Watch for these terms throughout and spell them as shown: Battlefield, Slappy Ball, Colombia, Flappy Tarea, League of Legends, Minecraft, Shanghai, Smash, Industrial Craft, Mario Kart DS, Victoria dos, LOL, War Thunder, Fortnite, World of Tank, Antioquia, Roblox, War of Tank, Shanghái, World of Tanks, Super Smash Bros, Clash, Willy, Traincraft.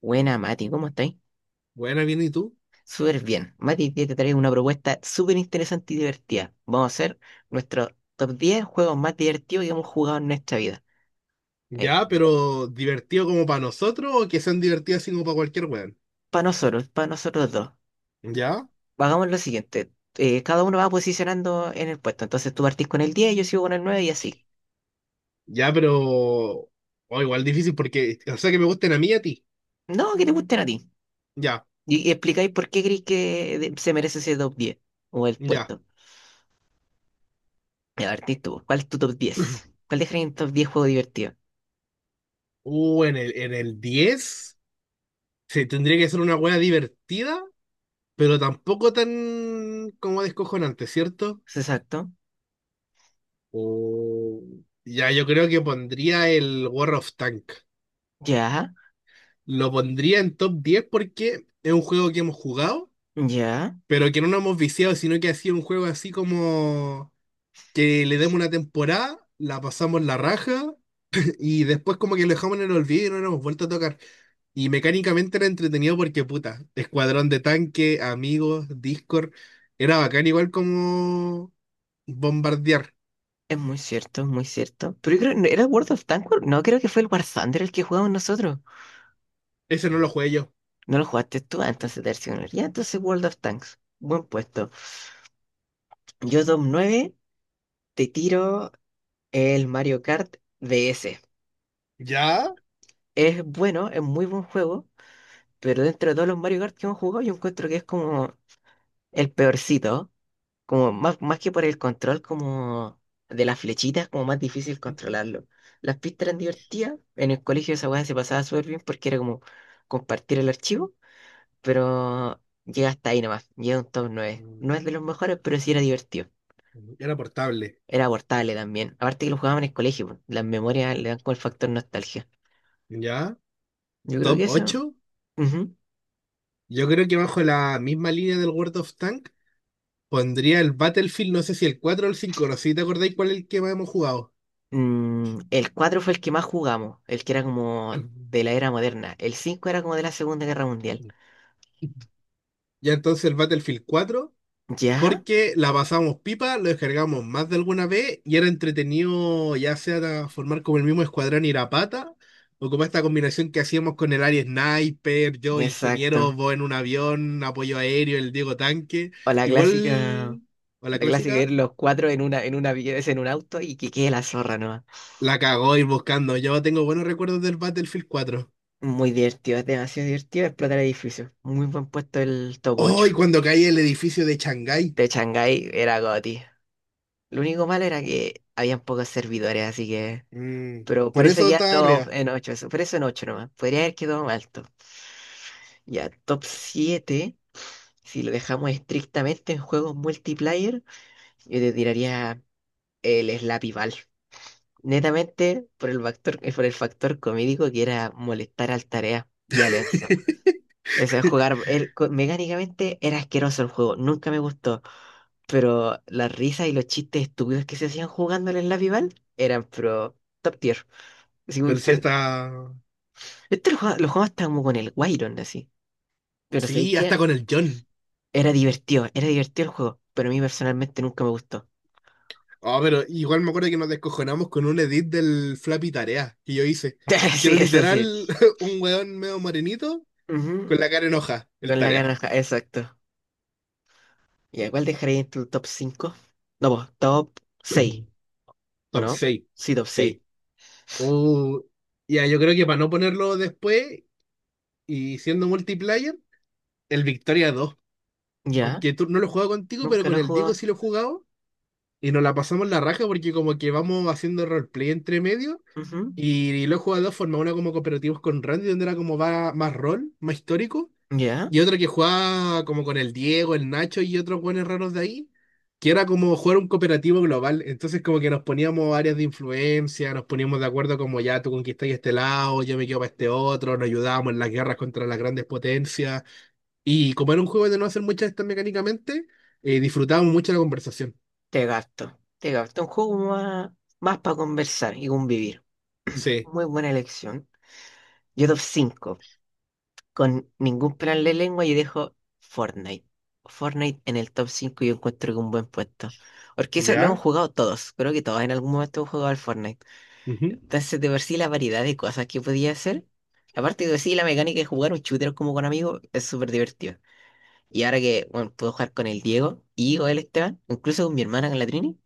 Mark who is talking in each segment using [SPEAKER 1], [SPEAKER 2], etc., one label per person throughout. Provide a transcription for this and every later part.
[SPEAKER 1] Buena, Mati, ¿cómo estáis?
[SPEAKER 2] Buena, bien, ¿y tú?
[SPEAKER 1] Súper bien. Mati, hoy día te traigo una propuesta súper interesante y divertida. Vamos a hacer nuestro top 10 juegos más divertidos que hemos jugado en nuestra vida.
[SPEAKER 2] Ya, pero divertido como para nosotros o que sean divertidas así como para cualquier weón.
[SPEAKER 1] Para nosotros, para nosotros dos.
[SPEAKER 2] Ya,
[SPEAKER 1] Hagamos lo siguiente. Cada uno va posicionando en el puesto. Entonces tú partís con el 10, yo sigo con el 9 y así.
[SPEAKER 2] ya, pero. O igual difícil porque. O sea, que me gusten a mí y a ti.
[SPEAKER 1] No, que te gusten a ti.
[SPEAKER 2] Ya,
[SPEAKER 1] Y explicáis por qué creéis que se merece ese top 10 o el
[SPEAKER 2] ya.
[SPEAKER 1] puesto. Ya, partís tú. ¿Cuál es tu top 10? ¿Cuál dejarías en top 10 juego divertido?
[SPEAKER 2] En el 10 se tendría que ser una wea divertida, pero tampoco tan como descojonante, ¿cierto?
[SPEAKER 1] ¿Exacto?
[SPEAKER 2] O ya, yo creo que pondría el War of Tank.
[SPEAKER 1] Ya,
[SPEAKER 2] Lo pondría en top 10 porque es un juego que hemos jugado,
[SPEAKER 1] ya.
[SPEAKER 2] pero que no nos hemos viciado, sino que ha sido un juego así como que le demos una temporada, la pasamos la raja y después como que lo dejamos en el olvido y no nos hemos vuelto a tocar. Y mecánicamente era entretenido porque puta, escuadrón de tanque, amigos, Discord, era bacán igual como bombardear.
[SPEAKER 1] Es muy cierto, es muy cierto. Pero yo creo, ¿no ¿era World of Tanks? No, creo que fue el War Thunder el que jugamos nosotros.
[SPEAKER 2] Ese no lo jugué yo.
[SPEAKER 1] No lo jugaste tú, ah,
[SPEAKER 2] Y-
[SPEAKER 1] entonces te... Ya, entonces World of Tanks. Buen puesto. Yo Dom 9 te tiro el Mario Kart DS.
[SPEAKER 2] ¿Ya?
[SPEAKER 1] Es bueno, es muy buen juego, pero dentro de todos los Mario Kart que hemos jugado, yo encuentro que es como el peorcito. Como más, más que por el control como de las flechitas, como más difícil controlarlo. Las pistas eran divertidas. En el colegio esa weá se pasaba súper bien porque era como compartir el archivo, pero llega hasta ahí nomás. Llega a un top nueve.
[SPEAKER 2] Mm.
[SPEAKER 1] No es de los mejores, pero sí era divertido.
[SPEAKER 2] Era portable.
[SPEAKER 1] Era abortable también. Aparte que lo jugaban en el colegio, po. Las memorias le dan como el factor nostalgia.
[SPEAKER 2] ¿Ya?
[SPEAKER 1] Yo creo que
[SPEAKER 2] ¿Top
[SPEAKER 1] eso.
[SPEAKER 2] ocho?
[SPEAKER 1] Ujú.
[SPEAKER 2] Yo creo que bajo la misma línea del World of Tank pondría el Battlefield, no sé si el 4 o el cinco, no sé si te acordáis cuál es el que más hemos jugado.
[SPEAKER 1] Mm, el 4 fue el que más jugamos, el que era como de la era moderna. El 5 era como de la Segunda Guerra Mundial.
[SPEAKER 2] Ya, entonces el Battlefield cuatro,
[SPEAKER 1] ¿Ya?
[SPEAKER 2] porque la pasamos pipa, lo descargamos más de alguna vez y era entretenido ya sea de formar como el mismo escuadrón ir a pata, o como esta combinación que hacíamos con el Ari Sniper, yo
[SPEAKER 1] Exacto.
[SPEAKER 2] ingeniero, vos en un avión, apoyo aéreo, el Diego tanque.
[SPEAKER 1] O
[SPEAKER 2] Igual, o la
[SPEAKER 1] la clásica
[SPEAKER 2] clásica,
[SPEAKER 1] ir los cuatro en una, vez en un auto y que quede la zorra nomás.
[SPEAKER 2] la cagó ir buscando. Yo tengo buenos recuerdos del Battlefield cuatro.
[SPEAKER 1] Muy divertido, es demasiado divertido explotar edificios. Muy buen puesto el top
[SPEAKER 2] Oh,
[SPEAKER 1] ocho.
[SPEAKER 2] y cuando cae el edificio de Shanghái.
[SPEAKER 1] De Shanghái era goti. Lo único malo era que habían pocos servidores, así que...
[SPEAKER 2] Mm,
[SPEAKER 1] Pero por
[SPEAKER 2] por
[SPEAKER 1] eso
[SPEAKER 2] eso
[SPEAKER 1] ya
[SPEAKER 2] está
[SPEAKER 1] no
[SPEAKER 2] arriba.
[SPEAKER 1] en 8 eso, por eso en 8 nomás. Podría haber quedado más alto. Ya, top siete, si lo dejamos estrictamente en juegos multiplayer, yo te tiraría el Slappy Ball. Netamente por el factor comédico que era molestar al Tarea y a Lenzo. O sea, mecánicamente era asqueroso el juego, nunca me gustó, pero las risas y los chistes estúpidos que se hacían jugando en la rival eran pro top tier. Así muy
[SPEAKER 2] Pero sí
[SPEAKER 1] fel-
[SPEAKER 2] está.
[SPEAKER 1] Esto lo jugaba hasta como con el Wyron, así. Pero sabéis
[SPEAKER 2] Sí, hasta
[SPEAKER 1] que
[SPEAKER 2] con el John.
[SPEAKER 1] era divertido el juego, pero a mí personalmente nunca me gustó.
[SPEAKER 2] Oh, pero igual me acuerdo que nos descojonamos con un edit del Flappy Tarea que yo hice. Que
[SPEAKER 1] Sí,
[SPEAKER 2] era
[SPEAKER 1] eso sí.
[SPEAKER 2] literal un weón medio morenito
[SPEAKER 1] Ujú.
[SPEAKER 2] con la cara en hoja, el
[SPEAKER 1] Con la
[SPEAKER 2] tarea.
[SPEAKER 1] garraja, exacto. ¿Y a cuál dejaría entre el top cinco? No, pues, top seis, ¿o
[SPEAKER 2] Top
[SPEAKER 1] no?
[SPEAKER 2] seis.
[SPEAKER 1] Sí, top seis.
[SPEAKER 2] Sí. Oh, ya, yo creo que para no ponerlo después y siendo multiplayer, el Victoria dos.
[SPEAKER 1] Ya,
[SPEAKER 2] Aunque tú no lo he jugado contigo, pero
[SPEAKER 1] nunca
[SPEAKER 2] con
[SPEAKER 1] lo he
[SPEAKER 2] el Diego
[SPEAKER 1] jugado.
[SPEAKER 2] sí lo he jugado, y nos la pasamos la raja porque como que vamos haciendo roleplay entre medio
[SPEAKER 1] Ujú.
[SPEAKER 2] y lo he jugado de dos formas, una como cooperativos con Randy, donde era como va más rol, más histórico,
[SPEAKER 1] Ya,
[SPEAKER 2] y otro que jugaba como con el Diego, el Nacho y otros buenos raros de ahí, que era como jugar un cooperativo global. Entonces, como que nos poníamos áreas de influencia, nos poníamos de acuerdo como ya tú conquistas este lado, yo me quedo para este otro, nos ayudábamos en las guerras contra las grandes potencias, y como era un juego de no hacer muchas estas mecánicamente, disfrutábamos mucho la conversación.
[SPEAKER 1] te gasto. Te gasto un juego más, más para conversar y convivir.
[SPEAKER 2] Sí.
[SPEAKER 1] Muy buena elección. Yo top cinco. Con ningún plan de lengua yo dejo Fortnite. Fortnite en el top 5 yo encuentro que un buen puesto. Porque eso lo han
[SPEAKER 2] ¿Ya?
[SPEAKER 1] jugado todos. Creo que todos en algún momento han jugado al Fortnite.
[SPEAKER 2] Ujú.
[SPEAKER 1] Entonces, de por sí, la variedad de cosas que podía hacer. Aparte de por sí, la mecánica de jugar un shooter como con amigos es súper divertido. Y ahora que, bueno, puedo jugar con el Diego y con el Esteban, incluso con mi hermana, con la Trini,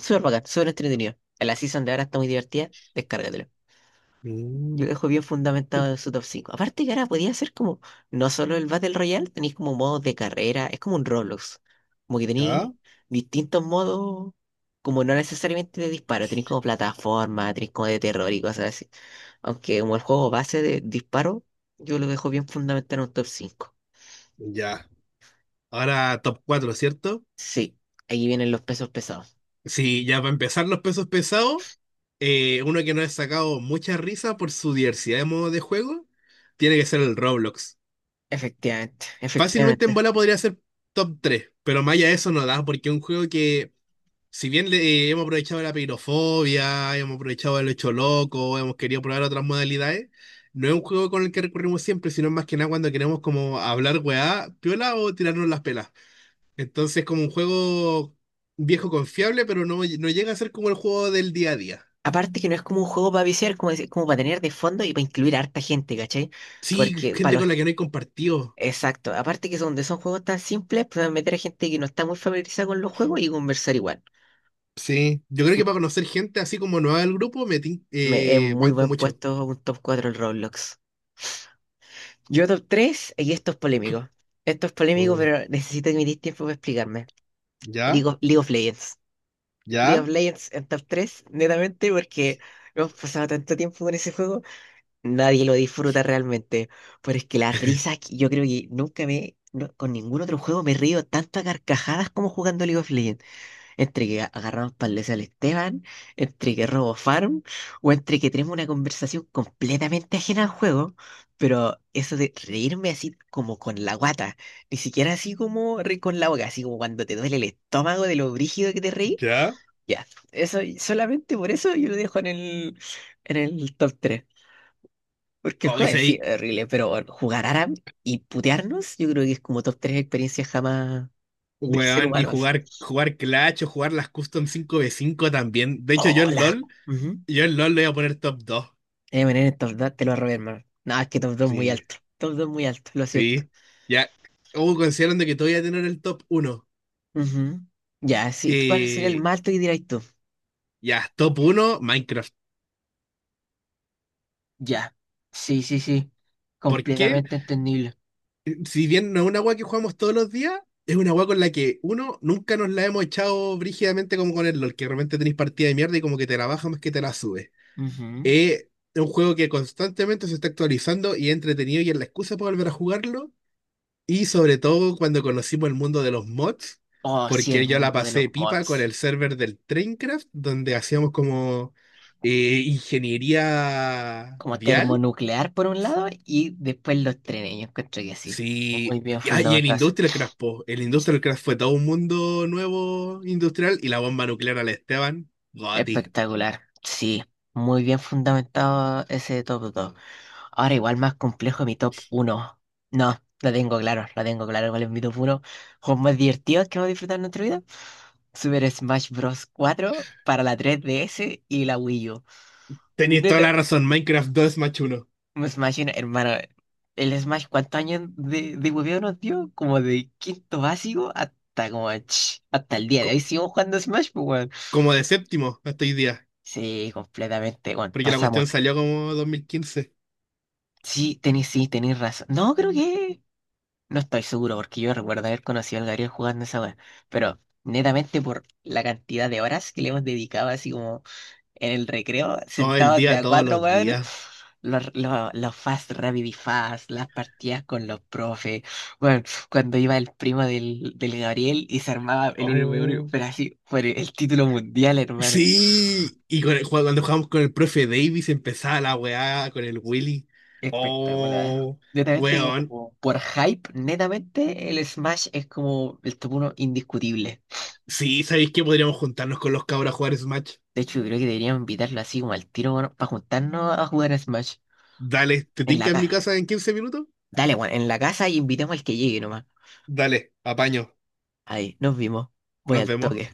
[SPEAKER 1] súper bacán, súper entretenido. En la season de ahora está muy divertida, descárgatelo. Yo
[SPEAKER 2] Mm.
[SPEAKER 1] lo dejo bien fundamentado en su top cinco. Aparte que ahora podía hacer como, no solo el Battle Royale, tenéis como modos de carrera, es como un Roblox. Como que tenéis
[SPEAKER 2] Ya,
[SPEAKER 1] distintos modos, como no necesariamente de disparo, tenéis como plataforma, tenéis como de terror y cosas así. Aunque como el juego base de disparo, yo lo dejo bien fundamentado en un top 5.
[SPEAKER 2] ya. Ahora top cuatro, ¿cierto?
[SPEAKER 1] Sí, ahí vienen los pesos pesados.
[SPEAKER 2] Sí, ya para empezar los pesos pesados, uno que nos ha sacado mucha risa por su diversidad de modos de juego, tiene que ser el Roblox.
[SPEAKER 1] Efectivamente,
[SPEAKER 2] Fácilmente en
[SPEAKER 1] efectivamente.
[SPEAKER 2] bola podría ser top tres, pero más allá de eso no da, porque es un juego que, si bien le, hemos aprovechado la pirofobia, hemos aprovechado el hecho loco, hemos querido probar otras modalidades, no es un juego con el que recurrimos siempre, sino más que nada cuando queremos como hablar weá, piola o tirarnos las pelas. Entonces, es como un juego viejo confiable, pero no, no llega a ser como el juego del día a día.
[SPEAKER 1] Aparte que no es como un juego para viciar, como, como para tener de fondo y para incluir a harta gente, ¿cachai?
[SPEAKER 2] Sí,
[SPEAKER 1] Porque para
[SPEAKER 2] gente con
[SPEAKER 1] los...
[SPEAKER 2] la que no he compartido.
[SPEAKER 1] Exacto, aparte que son, donde son juegos tan simples, pueden meter a gente que no está muy familiarizada con los juegos y conversar igual.
[SPEAKER 2] Sí, yo creo
[SPEAKER 1] Mm.
[SPEAKER 2] que para conocer gente así como nueva del grupo,
[SPEAKER 1] Es muy
[SPEAKER 2] banco
[SPEAKER 1] buen
[SPEAKER 2] mucho.
[SPEAKER 1] puesto un top 4 el Roblox. Yo top 3, y esto es polémico. Esto es polémico,
[SPEAKER 2] Oh.
[SPEAKER 1] pero necesito que me deis tiempo para explicarme.
[SPEAKER 2] ¿Ya?
[SPEAKER 1] League of Legends. League
[SPEAKER 2] ¿Ya?
[SPEAKER 1] of Legends en top 3, netamente porque hemos pasado tanto tiempo con ese juego, nadie lo disfruta realmente. Pero es que la risa, yo creo que nunca me, no- con ningún otro juego me río tanto a carcajadas como jugando League of Legends. Entre que agarramos palés al Esteban, entre que robo farm, o entre que tenemos una conversación completamente ajena al juego. Pero eso de reírme así como con la guata, ni siquiera así como reír con la boca, así como cuando te duele el estómago de lo brígido que te reí,
[SPEAKER 2] ¿Ya?
[SPEAKER 1] ya, eso, solamente por eso yo lo dejo en el top tres. Porque el
[SPEAKER 2] Oh, y
[SPEAKER 1] juego en sí
[SPEAKER 2] sí,
[SPEAKER 1] es horrible, pero bueno, jugar Aram y putearnos, yo creo que es como top 3 experiencias jamás del ser
[SPEAKER 2] weón, y
[SPEAKER 1] humano. Así.
[SPEAKER 2] jugar Clash o jugar las Custom 5v5 también. De hecho, yo
[SPEAKER 1] Oh,
[SPEAKER 2] en
[SPEAKER 1] la.
[SPEAKER 2] LOL,
[SPEAKER 1] Ujú.
[SPEAKER 2] yo en LOL le voy a poner top dos.
[SPEAKER 1] MN en el top 2, te lo robé, hermano. No, es que top dos muy
[SPEAKER 2] Sí,
[SPEAKER 1] alto. Top 2 muy alto, lo siento.
[SPEAKER 2] sí. Ya, o considerando que todavía tener el top uno.
[SPEAKER 1] Ujú. Ya, sí, ¿cuál sería el
[SPEAKER 2] Eh,
[SPEAKER 1] más alto que dirías tú?
[SPEAKER 2] ya, top uno Minecraft.
[SPEAKER 1] Ya, sí, sí, sí.
[SPEAKER 2] ¿Por qué?
[SPEAKER 1] Completamente entendible.
[SPEAKER 2] Si bien no es una agua que jugamos todos los días, es una agua con la que uno nunca nos la hemos echado brígidamente como con el LOL, que realmente tenéis partida de mierda y como que te la baja más que te la sube.
[SPEAKER 1] Ujú.
[SPEAKER 2] Eh, es un juego que constantemente se está actualizando y es entretenido y es la excusa para volver a jugarlo. Y sobre todo cuando conocimos el mundo de los mods,
[SPEAKER 1] Oh, sí, el
[SPEAKER 2] porque yo la
[SPEAKER 1] mundo de los
[SPEAKER 2] pasé pipa con el
[SPEAKER 1] mods.
[SPEAKER 2] server del Traincraft, donde hacíamos como ingeniería
[SPEAKER 1] Como
[SPEAKER 2] vial.
[SPEAKER 1] termonuclear por un lado y después los trenes. Yo encuentro que sí, muy
[SPEAKER 2] Sí,
[SPEAKER 1] bien
[SPEAKER 2] y en
[SPEAKER 1] fundamentado. Eso.
[SPEAKER 2] Industrial Craft, po. El Industrial Craft fue todo un mundo nuevo industrial y la bomba nuclear al Esteban, Goti.
[SPEAKER 1] Espectacular, sí, muy bien fundamentado ese top 2. Ahora igual más complejo mi top uno. No, lo tengo claro cuál es mi top uno. Juegos más divertidos que hemos disfrutado en nuestra vida. Super Smash Bros. Cuatro para la 3DS y la Wii U.
[SPEAKER 2] Tenéis toda
[SPEAKER 1] Neta.
[SPEAKER 2] la razón, Minecraft 2 es más uno.
[SPEAKER 1] Me imagino, hermano, el Smash, ¿cuántos años de hueveo nos dio? Como de quinto básico hasta como, ch, hasta el día de
[SPEAKER 2] Co-
[SPEAKER 1] hoy seguimos jugando Smash, pues, weón.
[SPEAKER 2] Como de séptimo hasta hoy día,
[SPEAKER 1] Sí, completamente, weón.
[SPEAKER 2] porque la cuestión
[SPEAKER 1] Pasamos.
[SPEAKER 2] salió como 2015.
[SPEAKER 1] Sí, tenéis razón. No, creo que... No estoy seguro, porque yo recuerdo haber conocido al Gabriel jugando esa weón. Pero, netamente por la cantidad de horas que le hemos dedicado, así como en el recreo,
[SPEAKER 2] Todo el
[SPEAKER 1] sentados de
[SPEAKER 2] día,
[SPEAKER 1] a
[SPEAKER 2] todos
[SPEAKER 1] cuatro,
[SPEAKER 2] los
[SPEAKER 1] weón.
[SPEAKER 2] días.
[SPEAKER 1] Los Fast Rapid Fast, las partidas con los profes. Bueno, cuando iba el primo del Gabriel y se armaba el 1v1,
[SPEAKER 2] Oh.
[SPEAKER 1] pero así, por el título mundial, hermano.
[SPEAKER 2] Sí, y cuando jugamos con el profe Davis empezaba la weá con el Willy.
[SPEAKER 1] Espectacular.
[SPEAKER 2] Oh,
[SPEAKER 1] Netamente,
[SPEAKER 2] weón.
[SPEAKER 1] como por hype, netamente el Smash es como el top 1 indiscutible.
[SPEAKER 2] Sí, ¿sabéis que podríamos juntarnos con los cabros a jugar Smash?
[SPEAKER 1] De hecho, creo que deberíamos invitarlo así como al tiro, bueno, para juntarnos a jugar a Smash
[SPEAKER 2] Dale, ¿te
[SPEAKER 1] en la
[SPEAKER 2] tinca en mi
[SPEAKER 1] casa.
[SPEAKER 2] casa en 15 minutos?
[SPEAKER 1] Dale, bueno, en la casa y invitemos al que llegue nomás.
[SPEAKER 2] Dale, apaño.
[SPEAKER 1] Ahí, nos vimos. Voy
[SPEAKER 2] Nos
[SPEAKER 1] al
[SPEAKER 2] vemos.
[SPEAKER 1] toque.